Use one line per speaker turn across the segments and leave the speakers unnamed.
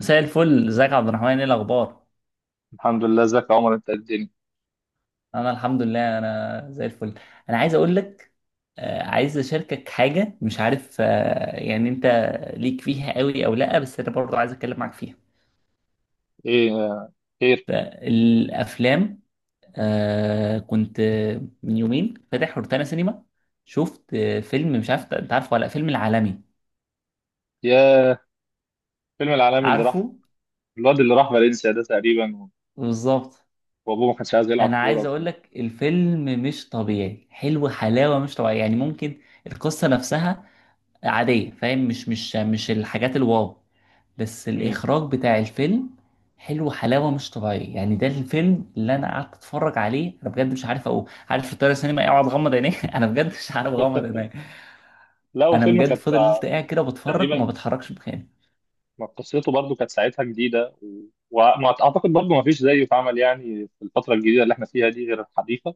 مساء الفل، ازيك يا عبد الرحمن؟ ايه الاخبار؟
الحمد لله. ازيك يا عمر؟ انت قدني.
انا الحمد لله، انا زي الفل. انا عايز اقول لك، عايز اشاركك حاجه. مش عارف يعني انت ليك فيها قوي او لا، بس انا برضو عايز اتكلم معاك فيها.
ايه؟ خير.
فالافلام كنت من يومين فاتح روتانا سينما، شفت فيلم. مش عارف انت عارفه ولا لأ، فيلم العالمي.
يا فيلم العالمي اللي راح.
عارفه؟
الواد اللي راح فالنسيا ده تقريبا.
بالظبط.
وابوه ما كانش عايز يلعب
انا
كوره
عايز اقول لك الفيلم مش طبيعي، حلو حلاوه مش طبيعيه، يعني ممكن القصه نفسها عادية فاهم، مش الحاجات الواو، بس
مم.
الإخراج بتاع الفيلم حلو حلاوة مش طبيعية. يعني ده الفيلم اللي أنا قعدت أتفرج عليه، أنا بجد مش عارف أقول، عارف في الطيارة السينما إيه؟ أقعد أغمض عيني أنا بجد مش عارف أغمض عيني.
لا
أنا
والفيلم
بجد
كانت
فضلت قاعد كده بتفرج، ما
تقريبا.
بتحركش مكاني.
ما قصته برضو كانت ساعتها جديده وما اعتقد برضو ما فيش زيه اتعمل يعني في الفتره الجديده اللي احنا فيها دي غير الحديثه.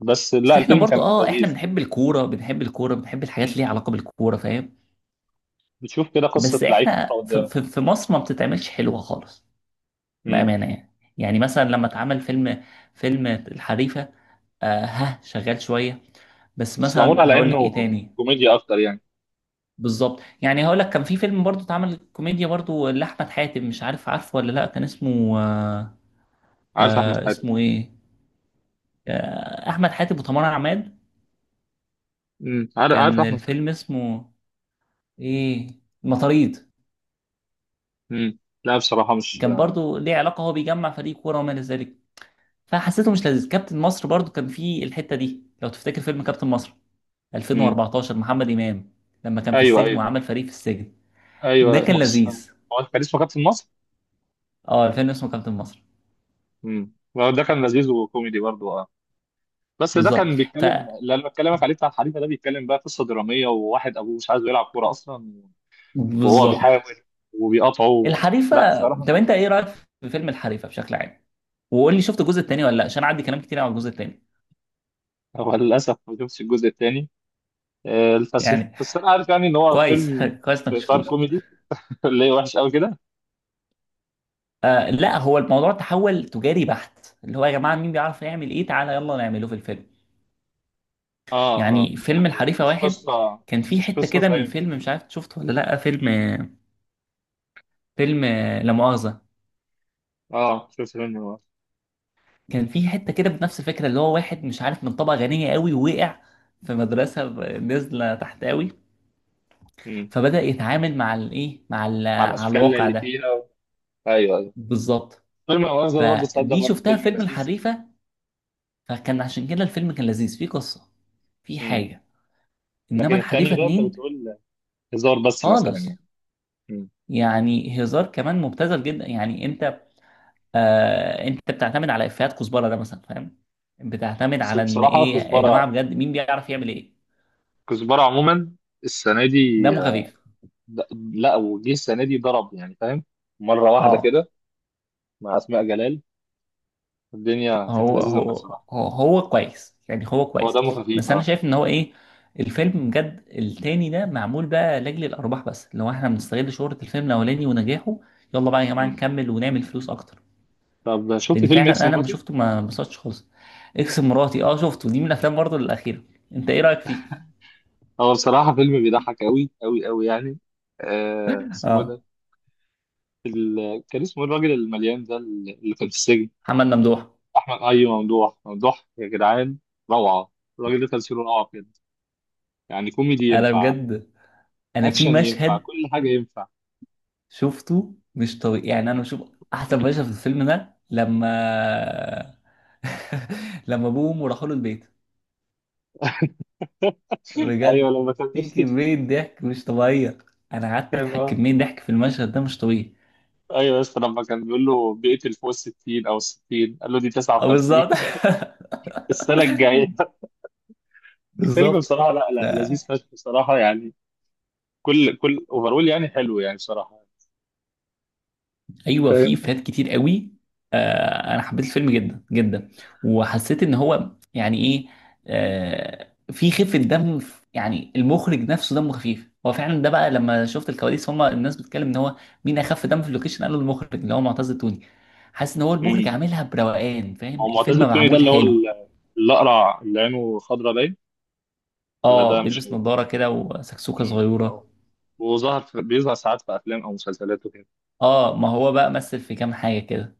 بس
بس
لا
إحنا
الفيلم
برضو
كان
إحنا
لذيذ.
بنحب الكورة، بنحب الكورة، بنحب الحاجات
مم.
اللي ليها علاقة بالكورة فاهم.
بتشوف كده قصه
بس
لعيب
إحنا
كورة
في,
قدامك.
في, في مصر ما بتتعملش حلوة خالص،
مم.
بأمانة يعني. يعني مثلا لما اتعمل فيلم، فيلم الحريفة، آه ها، شغال شوية، بس
بس معمول
مثلا
على
هقول لك ايه
انه
تاني.
كوميديا اكتر يعني.
بالظبط. يعني هقول لك كان في فيلم برضو اتعمل كوميديا برضو لأحمد حاتم، مش عارف عارفه ولا لا، كان اسمه
عارف احمد حاتم.
اسمه ايه؟ أحمد حاتم وتمر عماد.
مم. عارف، عارف
كان
احمد حاتم.
الفيلم اسمه ايه؟ المطاريد.
مم. لا بصراحه مش.
كان برضو ليه علاقة، هو بيجمع فريق كورة وما إلى ذلك، فحسيته مش لذيذ. كابتن مصر برضو كان فيه الحتة دي، لو تفتكر فيلم كابتن مصر
امم.
2014، محمد إمام، لما كان في
ايوه،
السجن
ايوه
وعمل فريق في السجن. ده
ايوه، ما
كان
فيش.
لذيذ.
هو كان اسمه كابتن مصر؟
اه الفيلم اسمه كابتن مصر.
امم. ده كان لذيذ وكوميدي برضه، اه. بس ده
بالظبط.
كان
ف
بيتكلم، اللي انا بكلمك عليه بتاع الحريفه ده، بيتكلم بقى قصه دراميه وواحد ابوه مش عايزه يلعب كوره اصلا. وهو
بالظبط.
بيحاول وبيقاطعه. لا
الحريفه،
بصراحه.
طب انت ايه رايك في فيلم الحريفه بشكل عام؟ وقول لي شفت الجزء الثاني ولا لا، عشان عندي كلام كتير عن الجزء الثاني.
هو للاسف ما شفتش الجزء الثاني. بس
يعني
بس انا عارف يعني ان هو
كويس
فيلم
كويس انك
في اطار
شفتوش.
كوميدي. اللي هي وحش قوي كده.
آه لا، هو الموضوع تحول تجاري بحت، اللي هو يا جماعه مين بيعرف يعمل ايه تعالى يلا نعمله في الفيلم.
اه اه،
يعني فيلم
يعني
الحريفه
مش
واحد،
قصه.
كان فيه
مش
حته
قصه
كده من
زي.
فيلم، مش عارف شفته ولا لا، فيلم فيلم لا مؤاخذه،
اه شفت منه.
كان في حته كده بنفس الفكره، اللي هو واحد مش عارف من طبقه غنيه قوي ووقع في مدرسه نازله تحت قوي.
امم.
فبدا يتعامل مع الايه، مع
مع
على
الاشكال
الواقع
اللي
ده.
فيها. ايوه، أيوة.
بالظبط.
فيلم الغاز ده برضه، تصدق،
فدي
برضه
شفتها في
فيلم
فيلم
لذيذ.
الحريفه، فكان عشان كده الفيلم كان لذيذ، فيه قصه، في
امم.
حاجه.
لكن
انما
التاني
الحريفه
ده انت
اتنين
بتقول هزار بس مثلا
خالص،
يعني. امم.
يعني هزار كمان مبتذل جدا. يعني انت انت بتعتمد على افيهات كزبره ده مثلا فاهم، بتعتمد
بس
على ان
بصراحه
ايه يا جماعه
كزبره.
بجد مين بيعرف يعمل ايه.
كزبره عموما السنه دي
دمه خفيف
د- لا، وجه السنه دي ضرب يعني، فاهم؟ مره واحده
اه.
كده مع اسماء جلال، الدنيا كانت
هو
لذيذه معاه
هو
بصراحه.
هو هو كويس يعني، هو
هو
كويس،
دمه خفيف،
بس انا
اه.
شايف ان هو ايه، الفيلم بجد التاني ده معمول بقى لاجل الارباح بس، اللي هو احنا بنستغل شهرة الفيلم الاولاني ونجاحه، يلا بقى يا جماعة
امم.
نكمل ونعمل فلوس اكتر،
طب شفت
لان
فيلم
فعلا
اكس
انا لما
مراتي؟
شفته ما انبسطتش خالص. اكس مراتي، اه شفته، دي من الافلام برضه الاخيرة. انت ايه رأيك فيه؟
هو بصراحه فيلم بيضحك قوي قوي قوي يعني. آه اسمه إيه
اه
ده؟ كان اسمه إيه الراجل المليان ده اللي كان في السجن؟
محمد ممدوح،
احمد، اي ممدوح، ممدوح يا جدعان. روعه. الراجل ده تمثيله روعه بجد. يعني كوميدي
انا
ينفع،
بجد، انا في
اكشن ينفع،
مشهد
كل حاجه ينفع.
شفته مش طبيعي. يعني انا بشوف احسن مشهد في الفيلم ده لما لما ابوه وامه راحوا له البيت،
ايوه
بجد
لما كان بي-
في كمية ضحك مش طبيعية. انا قعدت
كان
اضحك
اه،
كمية ضحك في المشهد ده مش طبيعي.
ايوه بس لما كان بيقول له بيقتل فوق ال 60 او 60 قال له دي
اه
59.
بالظبط.
السنه الجايه. الفيلم
بالظبط.
بصراحه لا، لا لذيذ فشخ بصراحه يعني. كل، كل اوفرول يعني حلو يعني بصراحه.
ايوه في
فاهم.
افيهات كتير قوي. آه انا حبيت الفيلم جدا جدا، وحسيت ان هو يعني ايه، في خفه دم يعني المخرج نفسه دمه خفيف، هو فعلا ده بقى لما شفت الكواليس، هم الناس بتتكلم ان هو مين اخف دم في اللوكيشن، قالوا المخرج اللي هو معتز التوني. حاسس ان هو المخرج
امم.
عاملها بروقان فاهم،
هو
الفيلم
معتز التوني ده
معمول
اللي هو
حلو.
الاقرع اللي عينه خضرا باين؟ ولا ده
اه
مش.
بيلبس نظاره كده وسكسوكه
مم. اهو.
صغيره.
بيظهر ساعات في افلام او مسلسلات وكده.
اه ما هو بقى مثل في كام حاجه كده.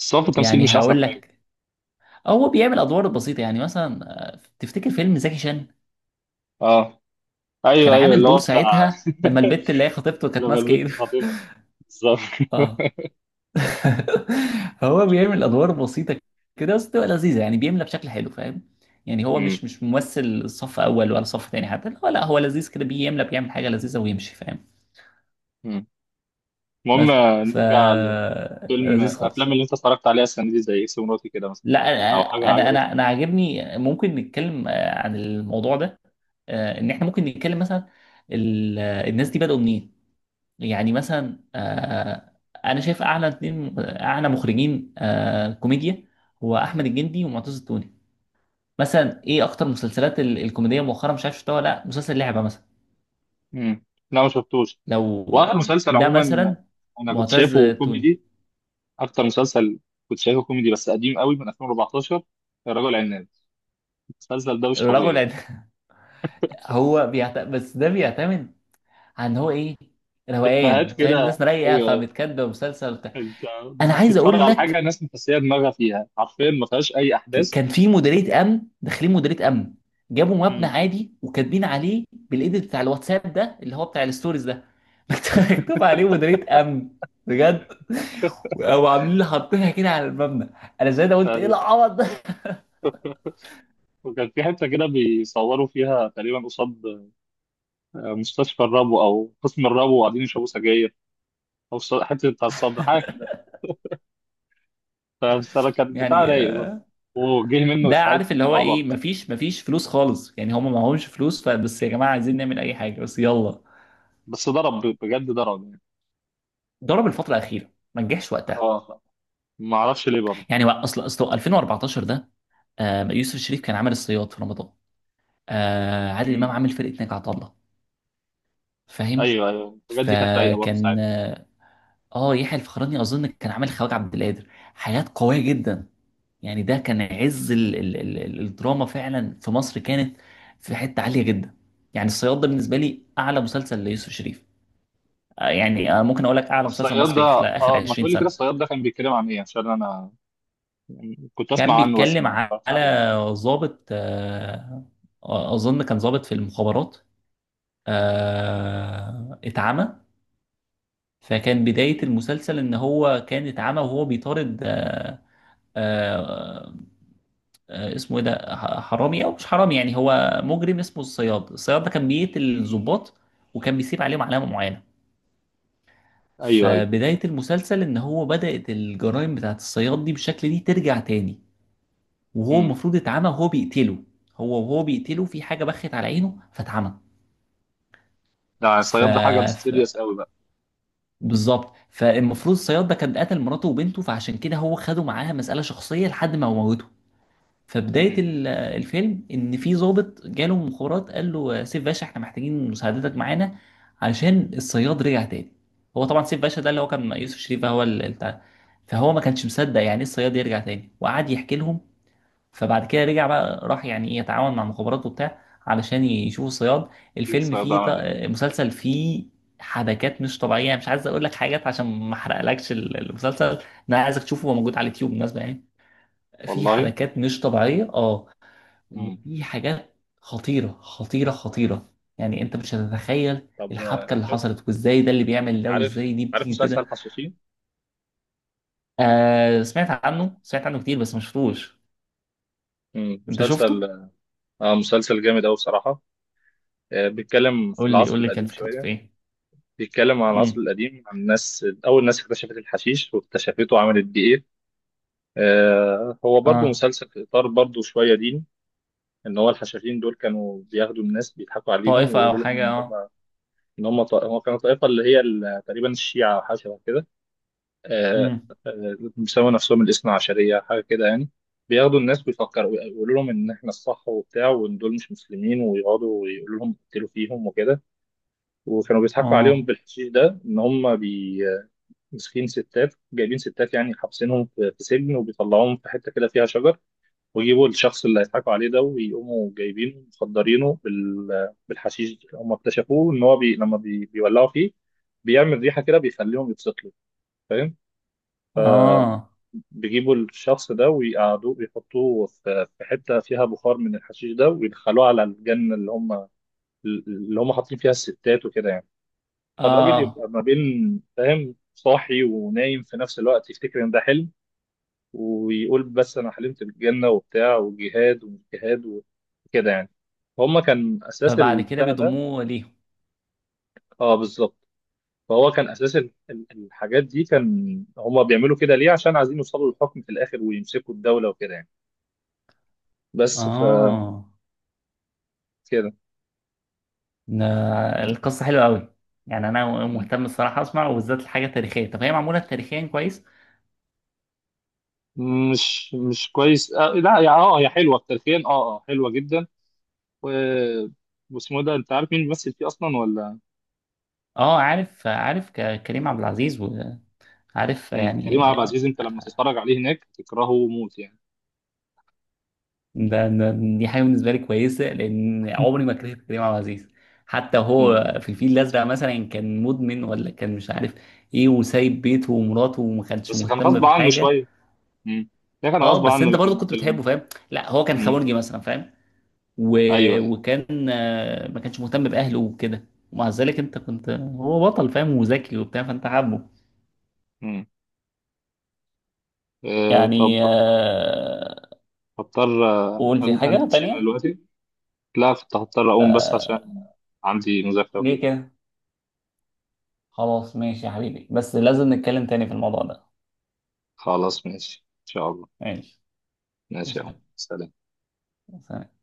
بس هو في التمثيل
يعني
مش احسن
هقول
حاجه.
لك، هو بيعمل ادوار بسيطه يعني مثلا تفتكر فيلم زكي شان؟
اه،
كان
ايوه ايوه
عامل
اللي
دور
هو بتاع.
ساعتها لما البت اللي هي خطيبته كانت
لما
ماسكه
البنت
ايده
خطيبته، بالظبط.
اه. هو بيعمل ادوار بسيطه كده بس بتبقى لذيذه، يعني بيملى بشكل حلو فاهم. يعني هو
مم.
مش ممثل صف اول ولا صف تاني حتى، هو لا هو لذيذ كده، بيملى بيعمل حاجه لذيذه ويمشي فاهم.
مم.
بس
المهم،
ف
نرجع لفيلم
لذيذ
افلام
خالص.
اللي انت اتفرجت عليها السنه دي زي اكس مراتي كده مثلا،
لا،
او
انا
حاجه
انا
عجبتك.
انا أنا عاجبني. ممكن نتكلم عن الموضوع ده، ان احنا ممكن نتكلم مثلا الناس دي بدأوا منين. يعني مثلا انا شايف اعلى اتنين اعلى مخرجين كوميديا هو احمد الجندي ومعتز التوني. مثلا ايه اكتر مسلسلات الكوميديه مؤخرا؟ مش عارف شفتها ولا لا، مسلسل لعبه مثلا،
مم. لا ما شفتوش.
لو
واخر مسلسل
ده
عموما
مثلا
انا كنت
معتز
شايفه
التوني.
كوميدي. اكتر مسلسل كنت شايفه كوميدي بس قديم قوي من 2014، الرجل العناب. المسلسل ده مش
الرجل
طبيعي.
عد- بس ده بيعتمد عن هو ايه،
افيهات
روقان فاهم،
كده.
ناس رايقه
ايوه.
فبتكدب مسلسل بتاع.
انت
انا عايز
بتتفرج
اقول
على حاجه
لك،
ناس مفسيه دماغها فيها، حرفيا ما فيهاش اي احداث.
كان في مديريه امن، داخلين مديريه امن، جابوا مبنى
امم.
عادي وكاتبين عليه بالايديت بتاع الواتساب، ده اللي هو بتاع الستوريز ده مكتوب عليه مديريه امن، بجد، او عاملين لي حاطينها كده على المبنى. انا زي ده قلت ايه
آه،
العبط ده
وكان في حته كده بيصوروا فيها تقريبا قصاد مستشفى الربو او قسم الربو وقاعدين يشربوا سجاير، او حته بتاع الصدر حاجه كده. فكان بتاع
يعني
رايق برضه، وجه منه
ده
افيهات
عارف اللي هو ايه،
عبط.
مفيش فلوس خالص يعني، هم معهمش فلوس، فبس يا جماعه عايزين نعمل اي حاجه بس يلا،
بس ضرب بجد، ضرب يعني.
ضرب الفتره الاخيره ما نجحش وقتها.
اه ما اعرفش ليه برضه.
يعني بقى اصل 2014 ده، يوسف الشريف كان عامل الصياد في رمضان، عادل امام
مم.
عامل فرقه ناجي عطا الله فاهم.
ايوه ايوه الحاجات دي كانت رايقه برضه
فكان
ساعتها.
يحيى الفخراني اظن كان عامل خواجه عبد القادر. حاجات قويه جدا، يعني ده كان عز الدراما فعلا في مصر، كانت في حته عاليه جدا. يعني الصياد ده بالنسبه
مم.
لي اعلى مسلسل ليوسف شريف. يعني ممكن اقول لك اعلى مسلسل
والصياد ده،
مصري خلال اخر
اه ما
20
تقولي كده،
سنه.
الصياد ده كان بيتكلم عن ايه؟ عشان انا كنت
كان
اسمع عنه بس
بيتكلم
ما اتفرجتش
على
عليه.
ضابط، اظن كان ضابط في المخابرات، اتعمى. فكان بداية
مم.
المسلسل إن هو كان اتعمى وهو بيطارد، آه اسمه إيه ده؟ حرامي أو مش حرامي، يعني هو مجرم اسمه الصياد. الصياد ده كان بيقتل الضباط، وكان بيسيب عليهم علامة معينة.
ايوه ايوه.
فبداية المسلسل إن هو بدأت الجرائم بتاعت الصياد دي بالشكل دي ترجع تاني، وهو
امم.
المفروض اتعمى، وهو بيقتله، هو وهو بيقتله في حاجة بخت على عينه فاتعمى.
ده
ف...
الصياد ده حاجه
ف...
سيريس قوي بقى.
بالظبط، فالمفروض الصياد ده كان قتل مراته وبنته، فعشان كده هو خده معاها مسألة شخصية لحد ما موته. فبداية
امم.
الفيلم إن في ضابط جاله من مخابرات قال له سيف باشا إحنا محتاجين مساعدتك معانا، عشان الصياد رجع تاني. هو طبعا سيف باشا ده اللي هو كان يوسف شريف، هو البتاع. فهو ما كانش مصدق يعني إيه الصياد يرجع تاني، وقعد يحكي لهم. فبعد كده رجع بقى، راح يعني ايه يتعاون مع مخابرات وبتاع علشان يشوفوا الصياد.
شوف
الفيلم
الصياد ده
فيه ط-
عمل ايه.
مسلسل فيه حبكات مش طبيعيه، يعني مش عايز اقول لك حاجات عشان ما احرقلكش المسلسل. انا عايزك تشوفه، هو موجود على اليوتيوب بالمناسبه يعني. في
والله.
حبكات مش طبيعيه اه،
امم.
وفي حاجات خطيره خطيره خطيره، يعني انت مش هتتخيل
طب
الحبكه اللي
شفت،
حصلت، وازاي ده اللي بيعمل ده،
عارف،
وازاي دي
عارف
بتيجي
مسلسل
كده.
حشاشين؟
سمعت عنه، سمعت عنه كتير بس ما شفتوش.
امم.
انت
مسلسل.
شفته؟
اه مسلسل جامد قوي بصراحه. بيتكلم في
قول لي
العصر
قول لي كان
القديم
فكرته في
شويه.
ايه.
بيتكلم عن العصر
امم.
القديم، عن الناس، اول ناس اكتشفت الحشيش واكتشفته وعملت بيه ايه. هو برضو
اه،
مسلسل في اطار برضو شويه ديني. ان هو الحشاشين دول كانوا بياخدوا الناس بيضحكوا عليهم
طائفة او
ويقولوا لهم
حاجة
ان
اه.
هم، ان هم هم كانوا طائفه اللي هي تقريبا الشيعه او حاجه شبه كده. آه،
امم.
بيسموا نفسهم الاثنا عشريه حاجه كده يعني. بياخدوا الناس، بيفكروا يقولوا لهم ان احنا الصح وبتاع وان دول مش مسلمين، ويقعدوا ويقولوا لهم اقتلوا فيهم وكده. وكانوا بيضحكوا عليهم
اه
بالحشيش ده، ان هم ماسكين ستات، جايبين ستات يعني، حابسينهم في سجن، وبيطلعوهم في حته كده فيها شجر، ويجيبوا الشخص اللي هيضحكوا عليه ده، ويقوموا جايبينه مخدرينه بالحشيش، هم اكتشفوه ان هو لما بيولعوا فيه بيعمل ريحه كده بيخليهم يتسطلوا، فاهم؟
اه
بيجيبوا الشخص ده ويقعدوه، بيحطوه في حته فيها بخار من الحشيش ده، ويدخلوه على الجنه اللي هم، اللي هم حاطين فيها الستات وكده يعني. فالراجل
اه.
يبقى ما بين، فاهم، صاحي ونايم في نفس الوقت، يفتكر ان ده حلم ويقول، بس انا حلمت بالجنه وبتاع، والجهاد، والجهاد وكده يعني. فهم كان اساس
فبعد كده
البتاع ده.
بيضموه ليهم.
اه بالظبط. فهو كان اساس الحاجات دي، كان هم بيعملوا كده ليه؟ عشان عايزين يوصلوا للحكم في الاخر ويمسكوا الدوله وكده يعني. بس فكده.
اه. ده القصة حلوة قوي، يعني انا
م.
مهتم الصراحة اسمع، وبالذات الحاجة التاريخية. طب هي معمولة تاريخيا كويس؟
مش كويس، لا يا يا حلوه التلفين، اه، اه حلوه جدا. و واسمه ده انت عارف مين بيمثل فيه اصلا ولا؟
اه عارف، عارف، كريم عبد العزيز، وعارف
م. كريم عبد
يعني.
العزيز انت لما تتفرج عليه هناك تكرهه موت يعني.
ده ده- دي حاجه بالنسبه لي كويسه، لان عمري ما كرهت كريم عبد العزيز، حتى
م.
هو في الفيل الازرق مثلا كان مدمن، ولا كان مش عارف ايه، وسايب بيته ومراته، وما كانش
بس كان
مهتم
غصب عنه
بحاجه.
شويه. امم. ده كان
اه
غصب
بس
عنه
انت برضه
لكن
كنت
في
بتحبه فاهم، لا هو كان
امم.
خبرجي مثلا فاهم. و...
ايوه ايوه.
وكان ما كانش مهتم باهله وكده، ومع ذلك انت كنت هو بطل فاهم وذكي وبتاع، فانت حابه.
امم. آه طب،
يعني
هضطر
قول في حاجه
امشي
تانية.
دلوقتي. لا كنت هضطر اقوم بس عشان عندي مذاكره
ليه
وكده.
كده؟ خلاص ماشي يا حبيبي، بس لازم نتكلم تاني في الموضوع ده.
خلاص ماشي ان شاء الله.
ماشي.
ماشي
مش
يا عم، سلام.
عارف.